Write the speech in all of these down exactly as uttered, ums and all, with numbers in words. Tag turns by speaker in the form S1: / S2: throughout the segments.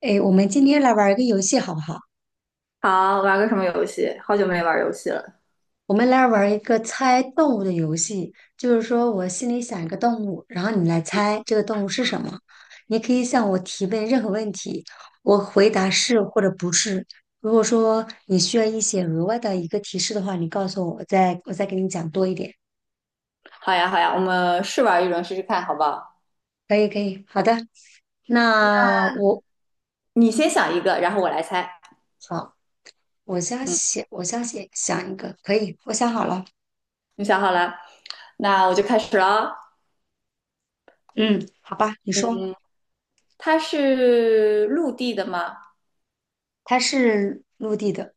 S1: 哎，我们今天来玩儿一个游戏好不好？
S2: 好，玩个什么游戏？好久没玩游戏了。
S1: 我们来玩儿一个猜动物的游戏，就是说我心里想一个动物，然后你来猜这个动物是什么。你可以向我提问任何问题，我回答是或者不是。如果说你需要一些额外的一个提示的话，你告诉我，我再我再给你讲多一点。
S2: 好呀，好呀，我们试玩一轮试试看，好不好？
S1: 可以，可以，好的。那我
S2: 你先想一个，然后我来猜。
S1: 好，我先
S2: 嗯，
S1: 写，我先写想一个，可以，我想好了。
S2: 你想好了，那我就开始了哦。
S1: 嗯，好吧，你说，
S2: 嗯，它是陆地的吗？
S1: 它是陆地的。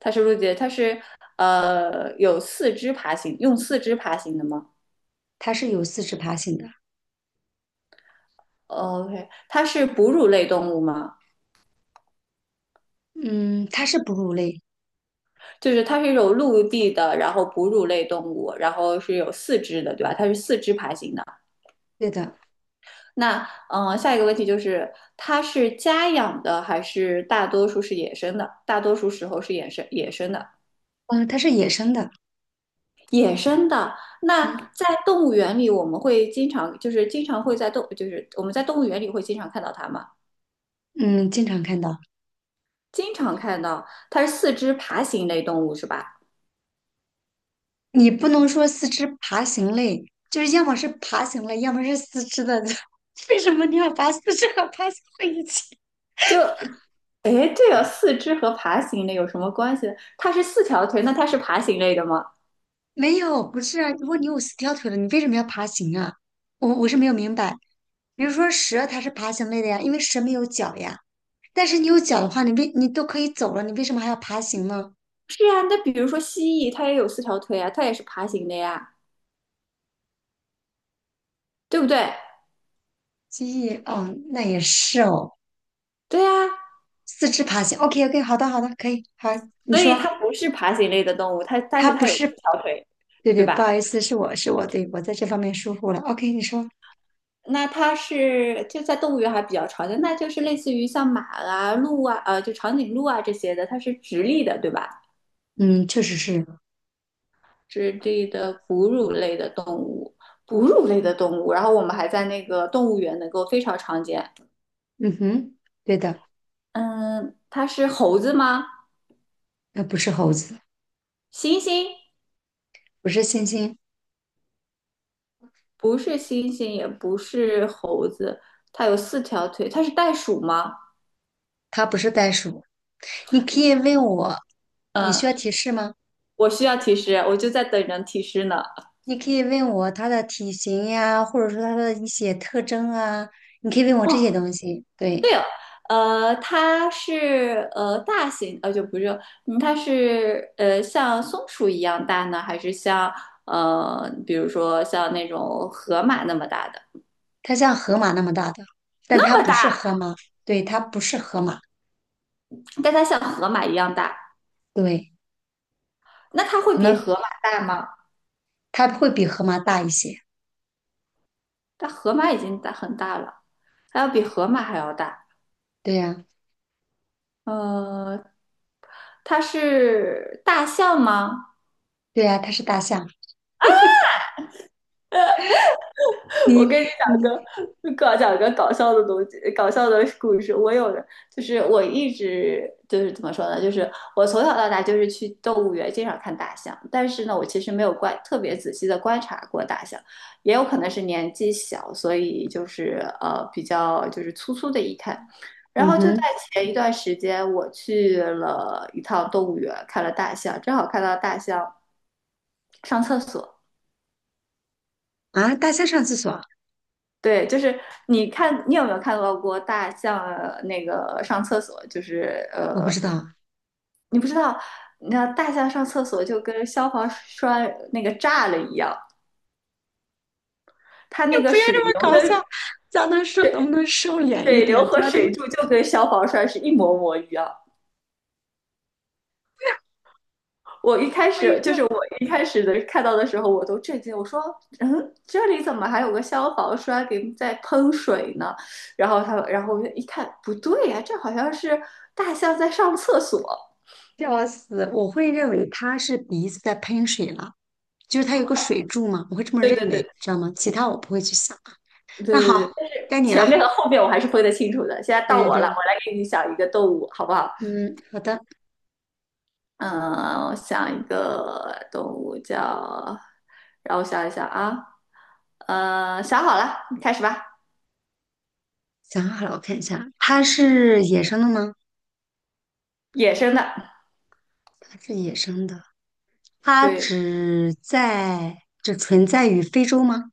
S2: 它是陆地的，它是呃有四肢爬行，用四肢爬行的吗
S1: 它是有四肢爬行的。
S2: ？OK，它是哺乳类动物吗？
S1: 嗯，它是哺乳类。
S2: 就是它是一种陆地的，然后哺乳类动物，然后是有四肢的，对吧？它是四肢爬行的。
S1: 对的。
S2: 那嗯、呃下一个问题就是，它是家养的还是大多数是野生的？大多数时候是野生野生的，
S1: 嗯，它是野生的。
S2: 野生的。那
S1: 嗯
S2: 在动物园里，我们会经常就是经常会在动就是我们在动物园里会经常看到它吗？
S1: 嗯，经常看到。
S2: 经常看到，它是四肢爬行类动物是吧？
S1: 你不能说四肢爬行类，就是要么是爬行类，要么是四肢的。为什么你要把四肢和爬行在一起？
S2: 就诶，这个四肢和爬行类有什么关系呢？它是四条腿，那它是爬行类的吗？
S1: 没有，不是啊。如果你有四条腿了，你为什么要爬行啊？我我是没有明白。比如说蛇，它是爬行类的呀，因为蛇没有脚呀。但是你有脚的话，你为你都可以走了，你为什么还要爬行呢？
S2: 是啊，那比如说蜥蜴，它也有四条腿啊，它也是爬行的呀，对不对？
S1: 蜥蜴，哦，那也是哦。
S2: 对呀，
S1: 四肢爬行。OK OK，好的好的，可以好，你
S2: 所以
S1: 说
S2: 它不是爬行类的动物，它但
S1: 它
S2: 是
S1: 不
S2: 它有四
S1: 是。
S2: 条腿，
S1: 对对，
S2: 对
S1: 不
S2: 吧？
S1: 好意思，是我是我，对，我在这方面疏忽了。OK，你说。
S2: 那它是就在动物园还比较常见，那就是类似于像马啊、鹿啊、呃，就长颈鹿啊这些的，它是直立的，对吧？
S1: 嗯，确实是。
S2: 直立的哺乳类的动物，哺乳类的动物。然后我们还在那个动物园能够非常常见。
S1: 嗯哼。对的。
S2: 嗯，它是猴子吗？
S1: 那不是猴子。
S2: 猩猩，
S1: 不是猩猩。
S2: 不是猩猩，也不是猴子，它有四条腿，它是袋鼠吗？
S1: 它不是袋鼠。你可以问我，你
S2: 嗯，
S1: 需要提示吗？
S2: 我需要提示，我就在等人提示呢。
S1: 你可以问我它的体型呀，或者说它的一些特征啊，你可以问我
S2: 哦，
S1: 这些东西。对，
S2: 呃，它是呃大型，呃就不是，嗯，它是呃像松鼠一样大呢，还是像呃比如说像那种河马那么大的？
S1: 它像河马那么大的，但
S2: 那
S1: 它
S2: 么
S1: 不是
S2: 大，
S1: 河马。对，它不是河马。
S2: 但它像河马一样大，
S1: 对，
S2: 那它会
S1: 可
S2: 比
S1: 能
S2: 河马大吗？
S1: 它会比河马大一些。
S2: 但河马已经大很大了，它要比河马还要大。
S1: 对呀、
S2: 呃，它是大象吗？
S1: 对呀、它是大象。
S2: 我
S1: 你
S2: 跟你讲
S1: 你
S2: 个搞讲个搞笑的东西，搞笑的故事。我有的就是我一直就是怎么说呢，就是我从小到大就是去动物园经常看大象，但是呢，我其实没有观特别仔细的观察过大象，也有可能是年纪小，所以就是呃比较就是粗粗的一看。然
S1: 嗯
S2: 后就在
S1: 哼。
S2: 前一段时间，我去了一趟动物园，看了大象，正好看到大象上厕所。
S1: 啊，大象上厕所。
S2: 对，就是你看，你有没有看到过大象呃那个上厕所？就是
S1: 我
S2: 呃，
S1: 不知道。
S2: 你不知道，你知道大象上厕所就跟消防栓那个炸了一样，它
S1: 你
S2: 那个
S1: 不要
S2: 水
S1: 这么
S2: 流
S1: 搞
S2: 跟
S1: 笑，咱能收能不能收敛一
S2: 水流
S1: 点？不
S2: 和
S1: 要这么
S2: 水柱就跟消防栓是一模模一样。我一开
S1: 哎
S2: 始就
S1: 呀，
S2: 是我一开始的看到的时候，我都震惊，我说，嗯，这里怎么还有个消防栓给在喷水呢？然后他，然后我就一看，不对呀、这好像是大象在上厕所。
S1: 笑死！我会认为它是鼻子在喷水了，就是它有个水柱嘛，我会这么
S2: 对
S1: 认
S2: 对
S1: 为，
S2: 对。
S1: 知道吗？其他我不会去想。
S2: 对
S1: 那
S2: 对
S1: 好，
S2: 对，但是
S1: 该你
S2: 前面
S1: 了。
S2: 和后面我还是分得清楚的。现在到
S1: 对对
S2: 我了，
S1: 对。
S2: 我来给你想一个动物，好不好？
S1: 嗯，好的。
S2: 嗯，我想一个动物叫，让我想一想啊，呃，想好了，你开始吧。
S1: 想好了，我看一下，它是野生的吗？
S2: 野生的，
S1: 它是野生的。它
S2: 对，
S1: 只在只存在于非洲吗？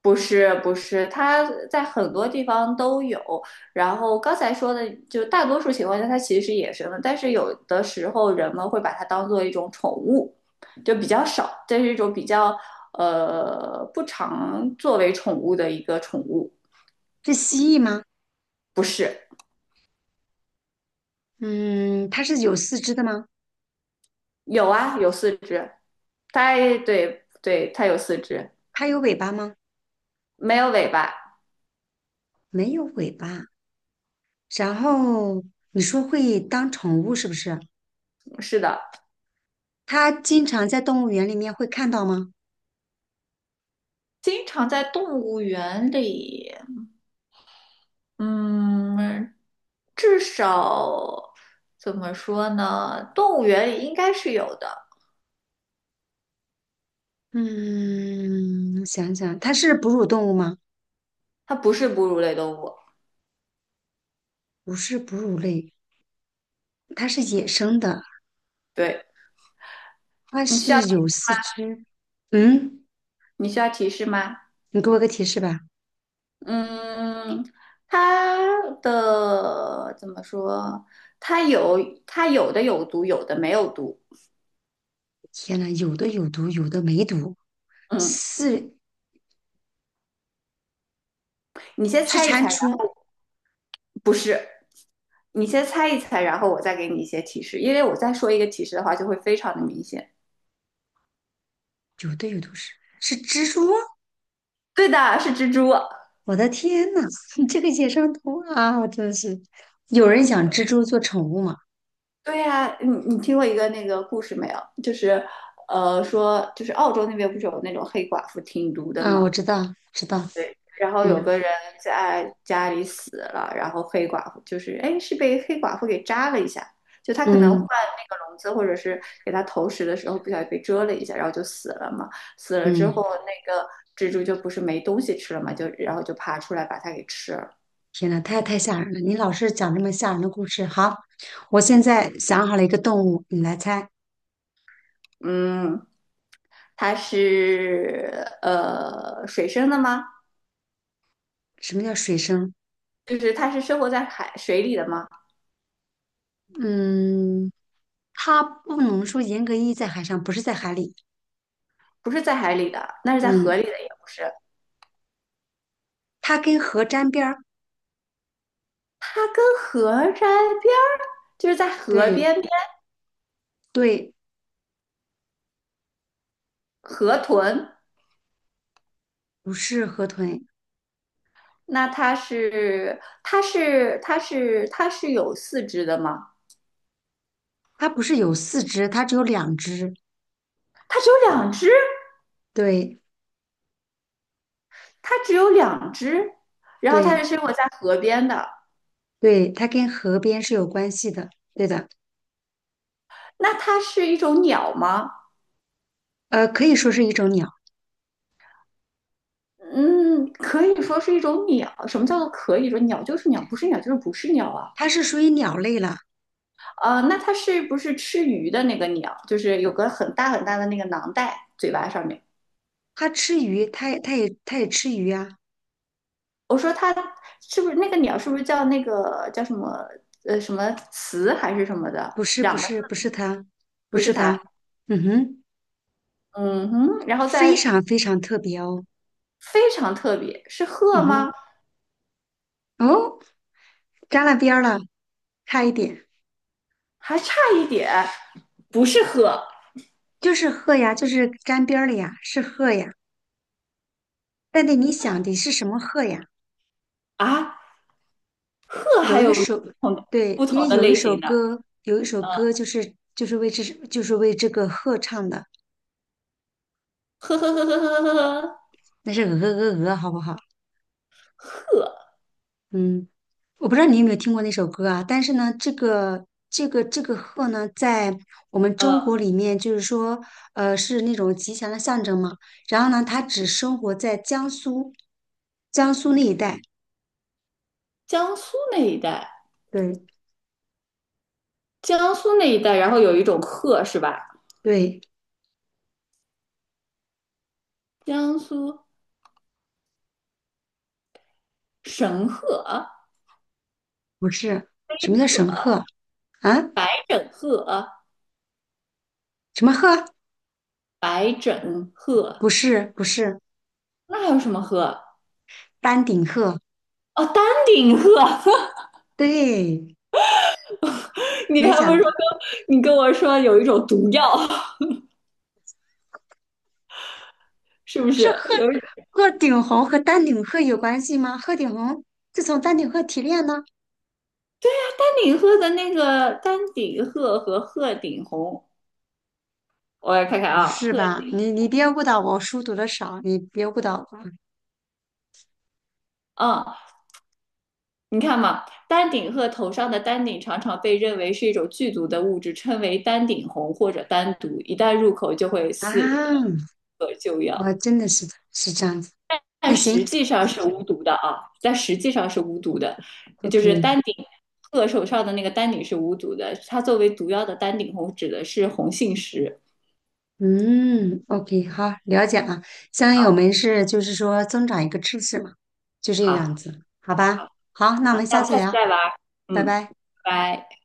S2: 不是不是，它在很多地方都有。然后刚才说的，就大多数情况下它其实是野生的，但是有的时候人们会把它当做一种宠物，就比较少，这是一种比较呃不常作为宠物的一个宠物。
S1: 是蜥蜴吗？
S2: 不是，
S1: 嗯，它是有四肢的吗？
S2: 有啊，有四只。它对对，它有四只，
S1: 它有尾巴吗？
S2: 没有尾巴。
S1: 没有尾巴。然后你说会当宠物是不是？
S2: 是的，
S1: 它经常在动物园里面会看到吗？
S2: 经常在动物园里，嗯。至少怎么说呢？动物园里应该是有的，
S1: 嗯，想想，它是哺乳动物吗？
S2: 它不是哺乳类动物。
S1: 不是哺乳类，它是野生的，
S2: 对，
S1: 它
S2: 你需要
S1: 是有四肢。嗯，
S2: 你需要提示吗？
S1: 你给我个提示吧。
S2: 嗯，它的怎么说？它有它有的有毒，有的没有毒。
S1: 天呐，有的有毒，有的没毒。
S2: 嗯，
S1: 四
S2: 你先
S1: 是
S2: 猜一
S1: 蟾
S2: 猜，然
S1: 蜍，
S2: 后不是，你先猜一猜，然后我再给你一些提示，因为我再说一个提示的话就会非常的明显。
S1: 有的有都是是蜘蛛。
S2: 对的，是蜘蛛。
S1: 我的天呐，你这个野生动物啊，我真的是。有人养蜘蛛做宠物吗？
S2: 对呀、你你听过一个那个故事没有？就是，呃，说就是澳洲那边不是有那种黑寡妇挺毒的
S1: 嗯，
S2: 嘛？
S1: 我知道，知道。
S2: 然后有
S1: 嗯
S2: 个人在家里死了，然后黑寡妇就是哎是被黑寡妇给扎了一下，就他可能换
S1: 嗯
S2: 那个笼子或者是给他投食的时候不小心被蛰了一下，然后就死了嘛。死了之后
S1: 嗯，
S2: 那个蜘蛛就不是没东西吃了嘛，就然后就爬出来把它给吃了。
S1: 天呐，太太吓人了！你老是讲这么吓人的故事。好，我现在想好了一个动物，你来猜。
S2: 嗯，它是呃水生的吗？
S1: 什么叫水生？
S2: 就是它是生活在海水里的吗？
S1: 嗯，它不能说严格意义在海上，不是在海里。
S2: 不是在海里的，那是在
S1: 嗯，
S2: 河里的，也不是。
S1: 它跟河沾边儿。
S2: 它跟河沾边儿，就是在河
S1: 对
S2: 边边
S1: 对，
S2: 河豚。
S1: 不是河豚，
S2: 那它是它是它是它是有四肢的吗？
S1: 它不是有四肢，它只有两只。
S2: 它只有两只，
S1: 对
S2: 它只有两只。然后它
S1: 对
S2: 是生活在河边的。
S1: 对，它跟河边是有关系的。对的。
S2: 那它是一种鸟吗？
S1: 呃，可以说是一种鸟。
S2: 嗯，可以说是一种鸟。什么叫做可以说鸟就是鸟，不是鸟就是不是鸟啊？
S1: 它是属于鸟类了。
S2: 呃，那它是不是吃鱼的那个鸟？就是有个很大很大的那个囊袋，嘴巴上面。
S1: 它吃鱼，它也它也它也吃鱼啊。
S2: 我说它是不是那个鸟？是不是叫那个叫什么呃什么雌还是什么的？
S1: 不是不
S2: 两个
S1: 是不是它。不
S2: 不
S1: 是
S2: 是
S1: 它。
S2: 它，
S1: 嗯哼。
S2: 嗯哼。然后
S1: 非
S2: 再
S1: 常非常特别哦。
S2: 非常特别，是鹤
S1: 嗯
S2: 吗？
S1: 哼。哦，沾了边儿了，差一点。
S2: 还差一点，不是鹤
S1: 就是鹤呀，就是沾边儿了呀，是鹤呀，但得你想的是什么鹤呀？
S2: 啊，鹤
S1: 有
S2: 还
S1: 一
S2: 有不
S1: 首，
S2: 同的
S1: 对，
S2: 不
S1: 因
S2: 同
S1: 为
S2: 的
S1: 有一
S2: 类
S1: 首
S2: 型的，
S1: 歌，有一首
S2: 嗯，
S1: 歌就是就是为这就是为这个鹤唱的。
S2: 呵呵呵呵呵呵呵呵，
S1: 那是鹅鹅鹅，好不好？
S2: 鹤，
S1: 嗯，我不知道你有没有听过那首歌啊，但是呢，这个这个这个鹤呢，在我们
S2: 呃，
S1: 中国里面，就是说，呃，是那种吉祥的象征嘛。然后呢，它只生活在江苏，江苏那一带。
S2: 江苏那一带，
S1: 对
S2: 江苏那一带，然后有一种鹤是吧？
S1: 对，
S2: 江苏神鹤、
S1: 不是，什么叫神鹤啊？
S2: 白枕鹤、
S1: 什么鹤？
S2: 白枕鹤，
S1: 不是不是，
S2: 那还有什么鹤啊？
S1: 丹顶鹤。
S2: 哦，丹顶鹤，
S1: 对，
S2: 你
S1: 没
S2: 还不说
S1: 想到
S2: 跟你跟我说有一种毒药，是不是？有
S1: 鹤顶红和丹顶鹤有关系吗？鹤顶红是从丹顶鹤提炼呢？
S2: 丹顶鹤的那个丹顶鹤和鹤顶红，我来看看
S1: 不
S2: 啊，
S1: 是
S2: 鹤
S1: 吧？
S2: 顶
S1: 你你别误导我，我书读的少，你别误导我
S2: 啊，嗯，你看嘛，丹顶鹤头上的丹顶常常被认为是一种剧毒的物质，称为丹顶红或者丹毒，一旦入口就会死人
S1: 啊！
S2: 和救
S1: 我
S2: 药。
S1: 真的是是这样子。那
S2: 但
S1: 行
S2: 实际上是无毒的啊，但实际上是无毒的，就是
S1: ，OK。
S2: 丹顶鹤手上的那个丹顶是无毒的，它作为毒药的丹顶红指的是红杏石。
S1: 嗯，OK，好，了解了。相当于我
S2: 好，
S1: 们是就是说增长一个知识嘛，就这
S2: 好，
S1: 样子，好吧？
S2: 好，
S1: 好，那我们
S2: 那我
S1: 下
S2: 们
S1: 次
S2: 下次
S1: 聊。
S2: 再玩儿
S1: 拜
S2: 嗯，
S1: 拜。
S2: 拜拜。